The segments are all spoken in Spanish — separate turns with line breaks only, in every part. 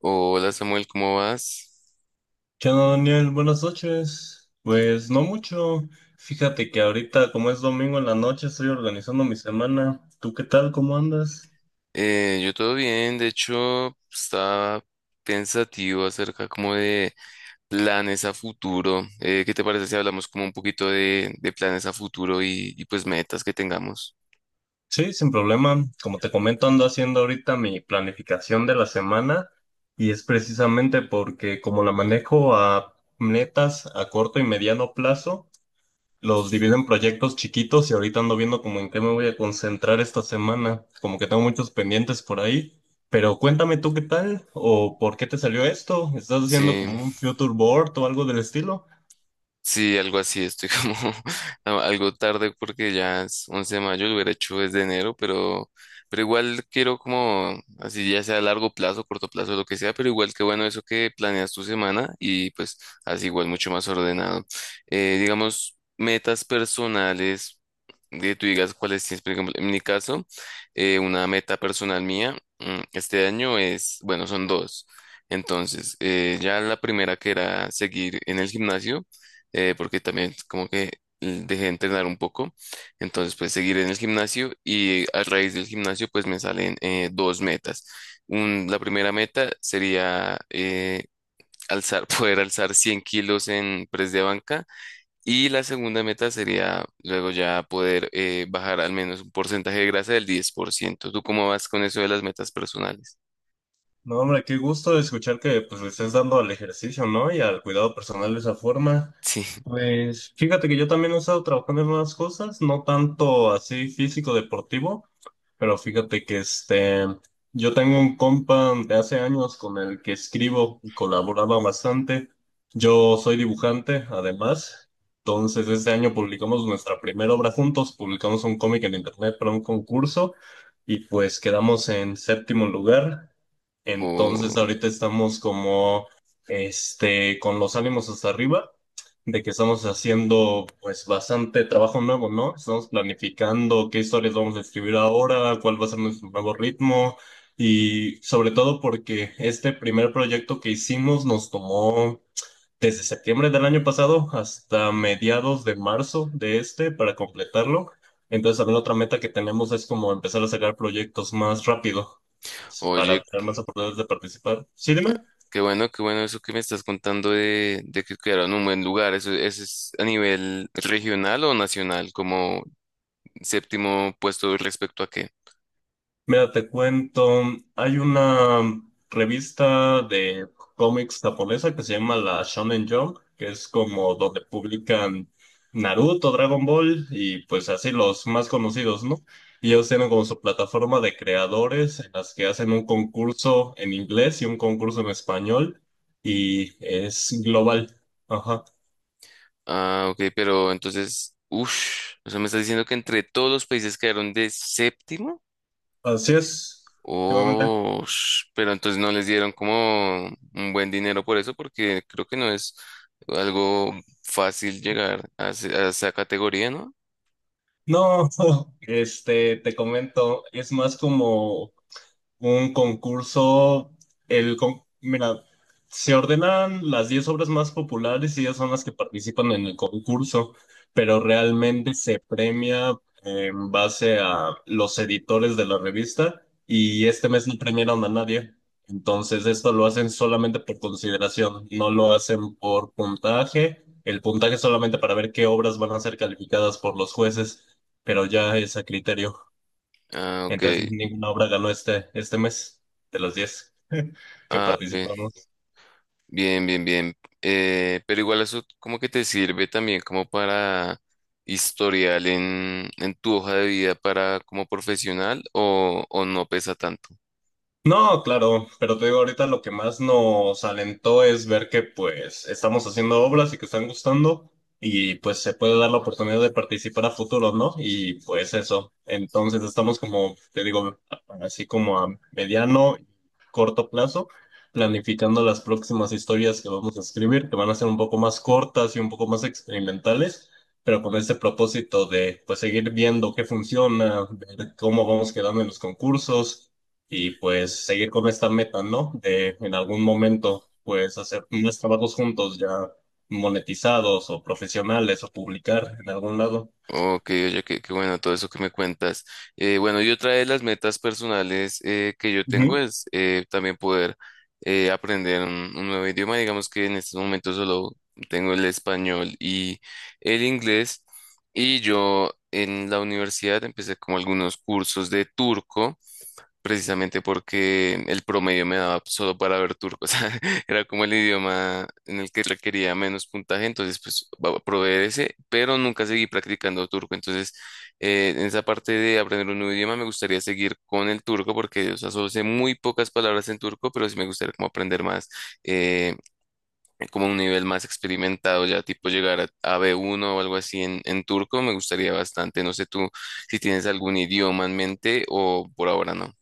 Hola Samuel, ¿cómo vas?
¿Qué onda, Daniel? Buenas noches. Pues no mucho. Fíjate que ahorita, como es domingo en la noche, estoy organizando mi semana. ¿Tú qué tal? ¿Cómo andas?
Yo todo bien, de hecho estaba pensativo acerca como de planes a futuro. ¿Qué te parece si hablamos como un poquito de planes a futuro y pues metas que tengamos?
Sí, sin problema. Como te comento, ando haciendo ahorita mi planificación de la semana y es precisamente porque como la manejo a metas a corto y mediano plazo, los divido en proyectos chiquitos y ahorita ando viendo como en qué me voy a concentrar esta semana. Como que tengo muchos pendientes por ahí. Pero cuéntame tú qué tal o por qué te salió esto. ¿Estás haciendo
Sí.
como un future board o algo del estilo?
Sí, algo así, estoy como algo tarde porque ya es 11 de mayo, lo hubiera hecho desde enero, pero igual quiero como, así ya sea a largo plazo, corto plazo, lo que sea, pero igual que bueno eso que planeas tu semana y pues así igual mucho más ordenado. Digamos, metas personales, que tú digas cuáles tienes, por ejemplo, en mi caso, una meta personal mía, este año es, bueno, son dos. Entonces, ya la primera que era seguir en el gimnasio, porque también como que dejé de entrenar un poco, entonces pues seguir en el gimnasio y a raíz del gimnasio pues me salen dos metas. La primera meta sería poder alzar 100 kilos en press de banca y la segunda meta sería luego ya poder bajar al menos un porcentaje de grasa del 10%. ¿Tú cómo vas con eso de las metas personales?
No, hombre, qué gusto escuchar que pues le estés dando al ejercicio, ¿no? Y al cuidado personal de esa forma.
Sí.
Pues fíjate que yo también he estado trabajando en unas cosas, no tanto así físico deportivo, pero fíjate que este, yo tengo un compa de hace años con el que escribo y colaboraba bastante. Yo soy dibujante, además. Entonces, este año publicamos nuestra primera obra juntos, publicamos un cómic en internet para un concurso y pues quedamos en séptimo lugar.
o,
Entonces, ahorita estamos como, este, con los ánimos hasta arriba de que estamos haciendo pues bastante trabajo nuevo, ¿no? Estamos planificando qué historias vamos a escribir ahora, cuál va a ser nuestro nuevo ritmo y sobre todo porque este primer proyecto que hicimos nos tomó desde septiembre del año pasado hasta mediados de marzo de este para completarlo. Entonces también otra meta que tenemos es como empezar a sacar proyectos más rápido
o yo
para tener más oportunidades de participar. Sí, dime.
Qué bueno eso que me estás contando de que quedaron en un buen lugar. Eso es a nivel regional o nacional, como séptimo puesto respecto a qué.
Mira, te cuento, hay una revista de cómics japonesa que se llama la Shonen Jump, que es como donde publican Naruto, Dragon Ball y pues así los más conocidos, ¿no? Y ellos tienen como su plataforma de creadores en las que hacen un concurso en inglés y un concurso en español y es global. Ajá.
Ah, ok, pero entonces, uff, o sea, me estás diciendo que entre todos los países quedaron de séptimo.
Así es. Últimamente.
Oh, pero entonces no les dieron como un buen dinero por eso, porque creo que no es algo fácil llegar a esa categoría, ¿no?
No, este, te comento, es más como un concurso, mira, se ordenan las 10 obras más populares y ellas son las que participan en el concurso, pero realmente se premia en base a los editores de la revista y este mes no premiaron a nadie. Entonces esto lo hacen solamente por consideración, no lo hacen por puntaje. El puntaje es solamente para ver qué obras van a ser calificadas por los jueces, pero ya es a criterio.
Ah, ok.
Entonces ninguna obra ganó este, este mes de los 10 que
Ah, ok.
participamos.
Bien, bien, bien. Pero igual eso como que te sirve también como para historial en tu hoja de vida para como profesional o no pesa tanto.
No, claro, pero te digo, ahorita lo que más nos alentó es ver que pues estamos haciendo obras y que están gustando y pues se puede dar la oportunidad de participar a futuro, ¿no? Y pues eso, entonces estamos como, te digo, así como a mediano y corto plazo, planificando las próximas historias que vamos a escribir, que van a ser un poco más cortas y un poco más experimentales, pero con ese propósito de pues seguir viendo qué funciona, ver cómo vamos quedando en los concursos y pues seguir con esta meta, ¿no? De en algún momento, pues hacer unos trabajos juntos ya monetizados o profesionales o publicar en algún lado.
Ok, oye, qué bueno todo eso que me cuentas. Bueno, y otra de las metas personales que yo tengo
Ujú.
es también poder aprender un nuevo idioma. Digamos que en este momento solo tengo el español y el inglés. Y yo en la universidad empecé como algunos cursos de turco precisamente porque el promedio me daba solo para ver turco, o sea, era como el idioma en el que requería menos puntaje, entonces pues probé ese, pero nunca seguí practicando turco, entonces en esa parte de aprender un nuevo idioma me gustaría seguir con el turco porque, o sea, solo sé muy pocas palabras en turco, pero sí me gustaría como aprender más, eh, como un nivel más experimentado, ya tipo llegar a B1 o algo así en turco, me gustaría bastante, no sé tú si tienes algún idioma en mente o por ahora no.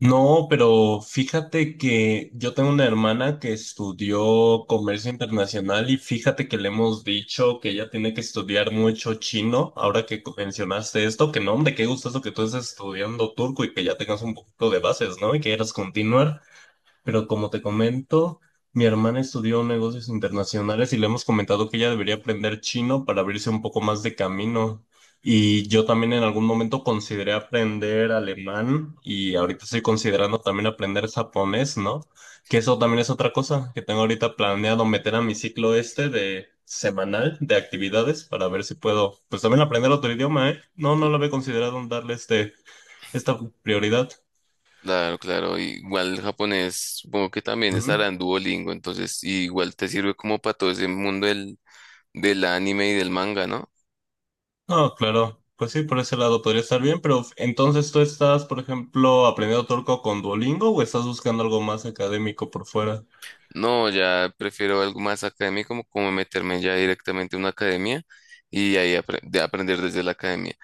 No, pero fíjate que yo tengo una hermana que estudió comercio internacional y fíjate que le hemos dicho que ella tiene que estudiar mucho chino. Ahora que mencionaste esto, que no, hombre, qué gusto eso que tú estés estudiando turco y que ya tengas un poquito de bases, ¿no? Y que quieras continuar. Pero como te comento, mi hermana estudió negocios internacionales y le hemos comentado que ella debería aprender chino para abrirse un poco más de camino. Y yo también en algún momento consideré aprender alemán y ahorita estoy considerando también aprender japonés, ¿no? Que eso también es otra cosa que tengo ahorita planeado meter a mi ciclo este de semanal de actividades para ver si puedo, pues también aprender otro idioma, ¿eh? No, no lo había considerado en darle este, esta prioridad.
Claro, claro. Igual el japonés, supongo que también estará en Duolingo, entonces igual te sirve como para todo ese mundo del anime y del manga, ¿no?
No, claro. Pues sí, por ese lado podría estar bien, pero entonces tú estás, por ejemplo, ¿aprendiendo turco con Duolingo o estás buscando algo más académico por fuera?
No, ya prefiero algo más académico, como meterme ya directamente a una academia y ahí de aprender desde la academia.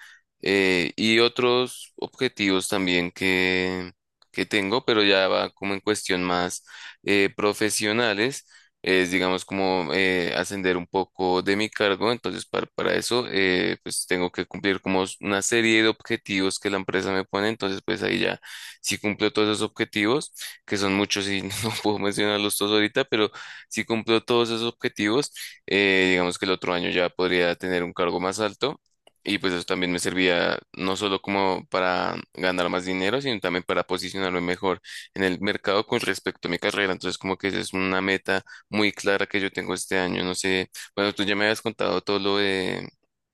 Y otros objetivos también que tengo, pero ya va como en cuestión más profesionales, es digamos como ascender un poco de mi cargo. Entonces, para eso, pues tengo que cumplir como una serie de objetivos que la empresa me pone. Entonces, pues ahí ya, si cumplo todos esos objetivos, que son muchos y no puedo mencionarlos todos ahorita, pero si cumplo todos esos objetivos, digamos que el otro año ya podría tener un cargo más alto y pues eso también me servía no solo como para ganar más dinero, sino también para posicionarme mejor en el mercado con respecto a mi carrera. Entonces como que esa es una meta muy clara que yo tengo este año. No sé, bueno, tú ya me habías contado todo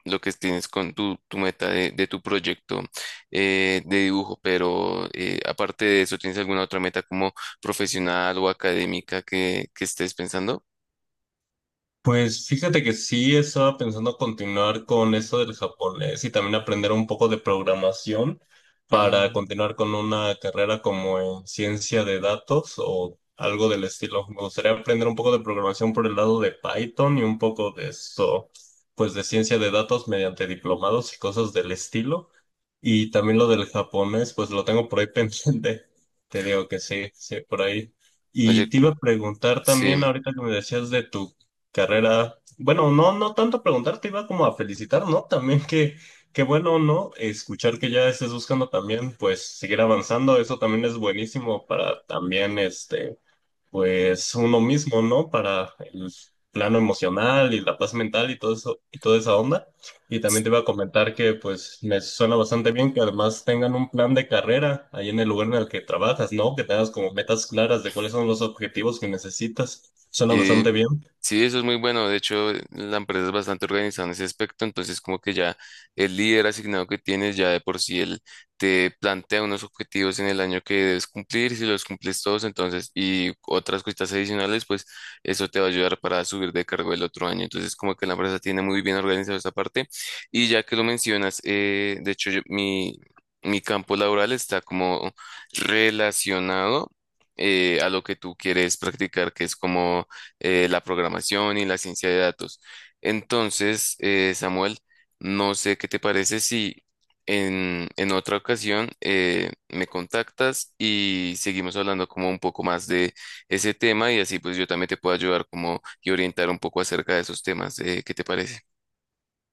lo que tienes con tu meta de tu proyecto de dibujo, pero aparte de eso, ¿tienes alguna otra meta como profesional o académica que estés pensando?
Pues fíjate que sí estaba pensando continuar con eso del japonés y también aprender un poco de programación para
Mm,
continuar con una carrera como en ciencia de datos o algo del estilo. Me gustaría aprender un poco de programación por el lado de Python y un poco de eso, pues de ciencia de datos mediante diplomados y cosas del estilo. Y también lo del japonés, pues lo tengo por ahí pendiente. Te digo que sí, sí, por ahí. Y
Oye,
te iba a preguntar
sí,
también, ahorita que me decías de tu carrera. Bueno, no, no tanto preguntarte, iba como a felicitar, ¿no? También que, qué bueno, ¿no? Escuchar que ya estés buscando también, pues, seguir avanzando, eso también es buenísimo para también, este, pues, uno mismo, ¿no? Para el plano emocional y la paz mental y todo eso, y toda esa onda. Y también te iba a comentar que, pues, me suena bastante bien que además tengan un plan de carrera ahí en el lugar en el que trabajas, ¿no? Que tengas como metas claras de cuáles son los objetivos que necesitas. Suena
sí.
bastante bien.
Sí, eso es muy bueno. De hecho, la empresa es bastante organizada en ese aspecto. Entonces, como que ya el líder asignado que tienes, ya de por sí él te plantea unos objetivos en el año que debes cumplir. Si los cumples todos, entonces, y otras cositas adicionales, pues eso te va a ayudar para subir de cargo el otro año. Entonces, como que la empresa tiene muy bien organizada esa parte. Y ya que lo mencionas, de hecho, mi campo laboral está como relacionado a lo que tú quieres practicar, que es como la programación y la ciencia de datos. Entonces, Samuel, no sé qué te parece si en otra ocasión me contactas y seguimos hablando como un poco más de ese tema y así pues yo también te puedo ayudar como y orientar un poco acerca de esos temas. ¿Qué te parece?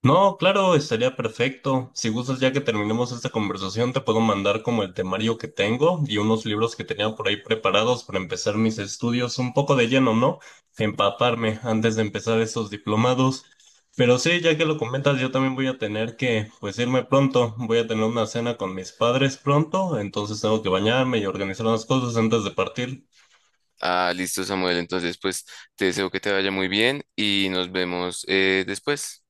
No, claro, estaría perfecto. Si gustas, ya que terminemos esta conversación, te puedo mandar como el temario que tengo y unos libros que tenía por ahí preparados para empezar mis estudios un poco de lleno, ¿no? Empaparme antes de empezar esos diplomados. Pero sí, ya que lo comentas, yo también voy a tener que, pues, irme pronto. Voy a tener una cena con mis padres pronto, entonces tengo que bañarme y organizar unas cosas antes de partir.
Ah, listo, Samuel. Entonces, pues te deseo que te vaya muy bien y nos vemos después.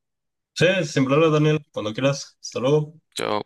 Sí, sin problema, Daniel, cuando quieras. Hasta luego.
Chao.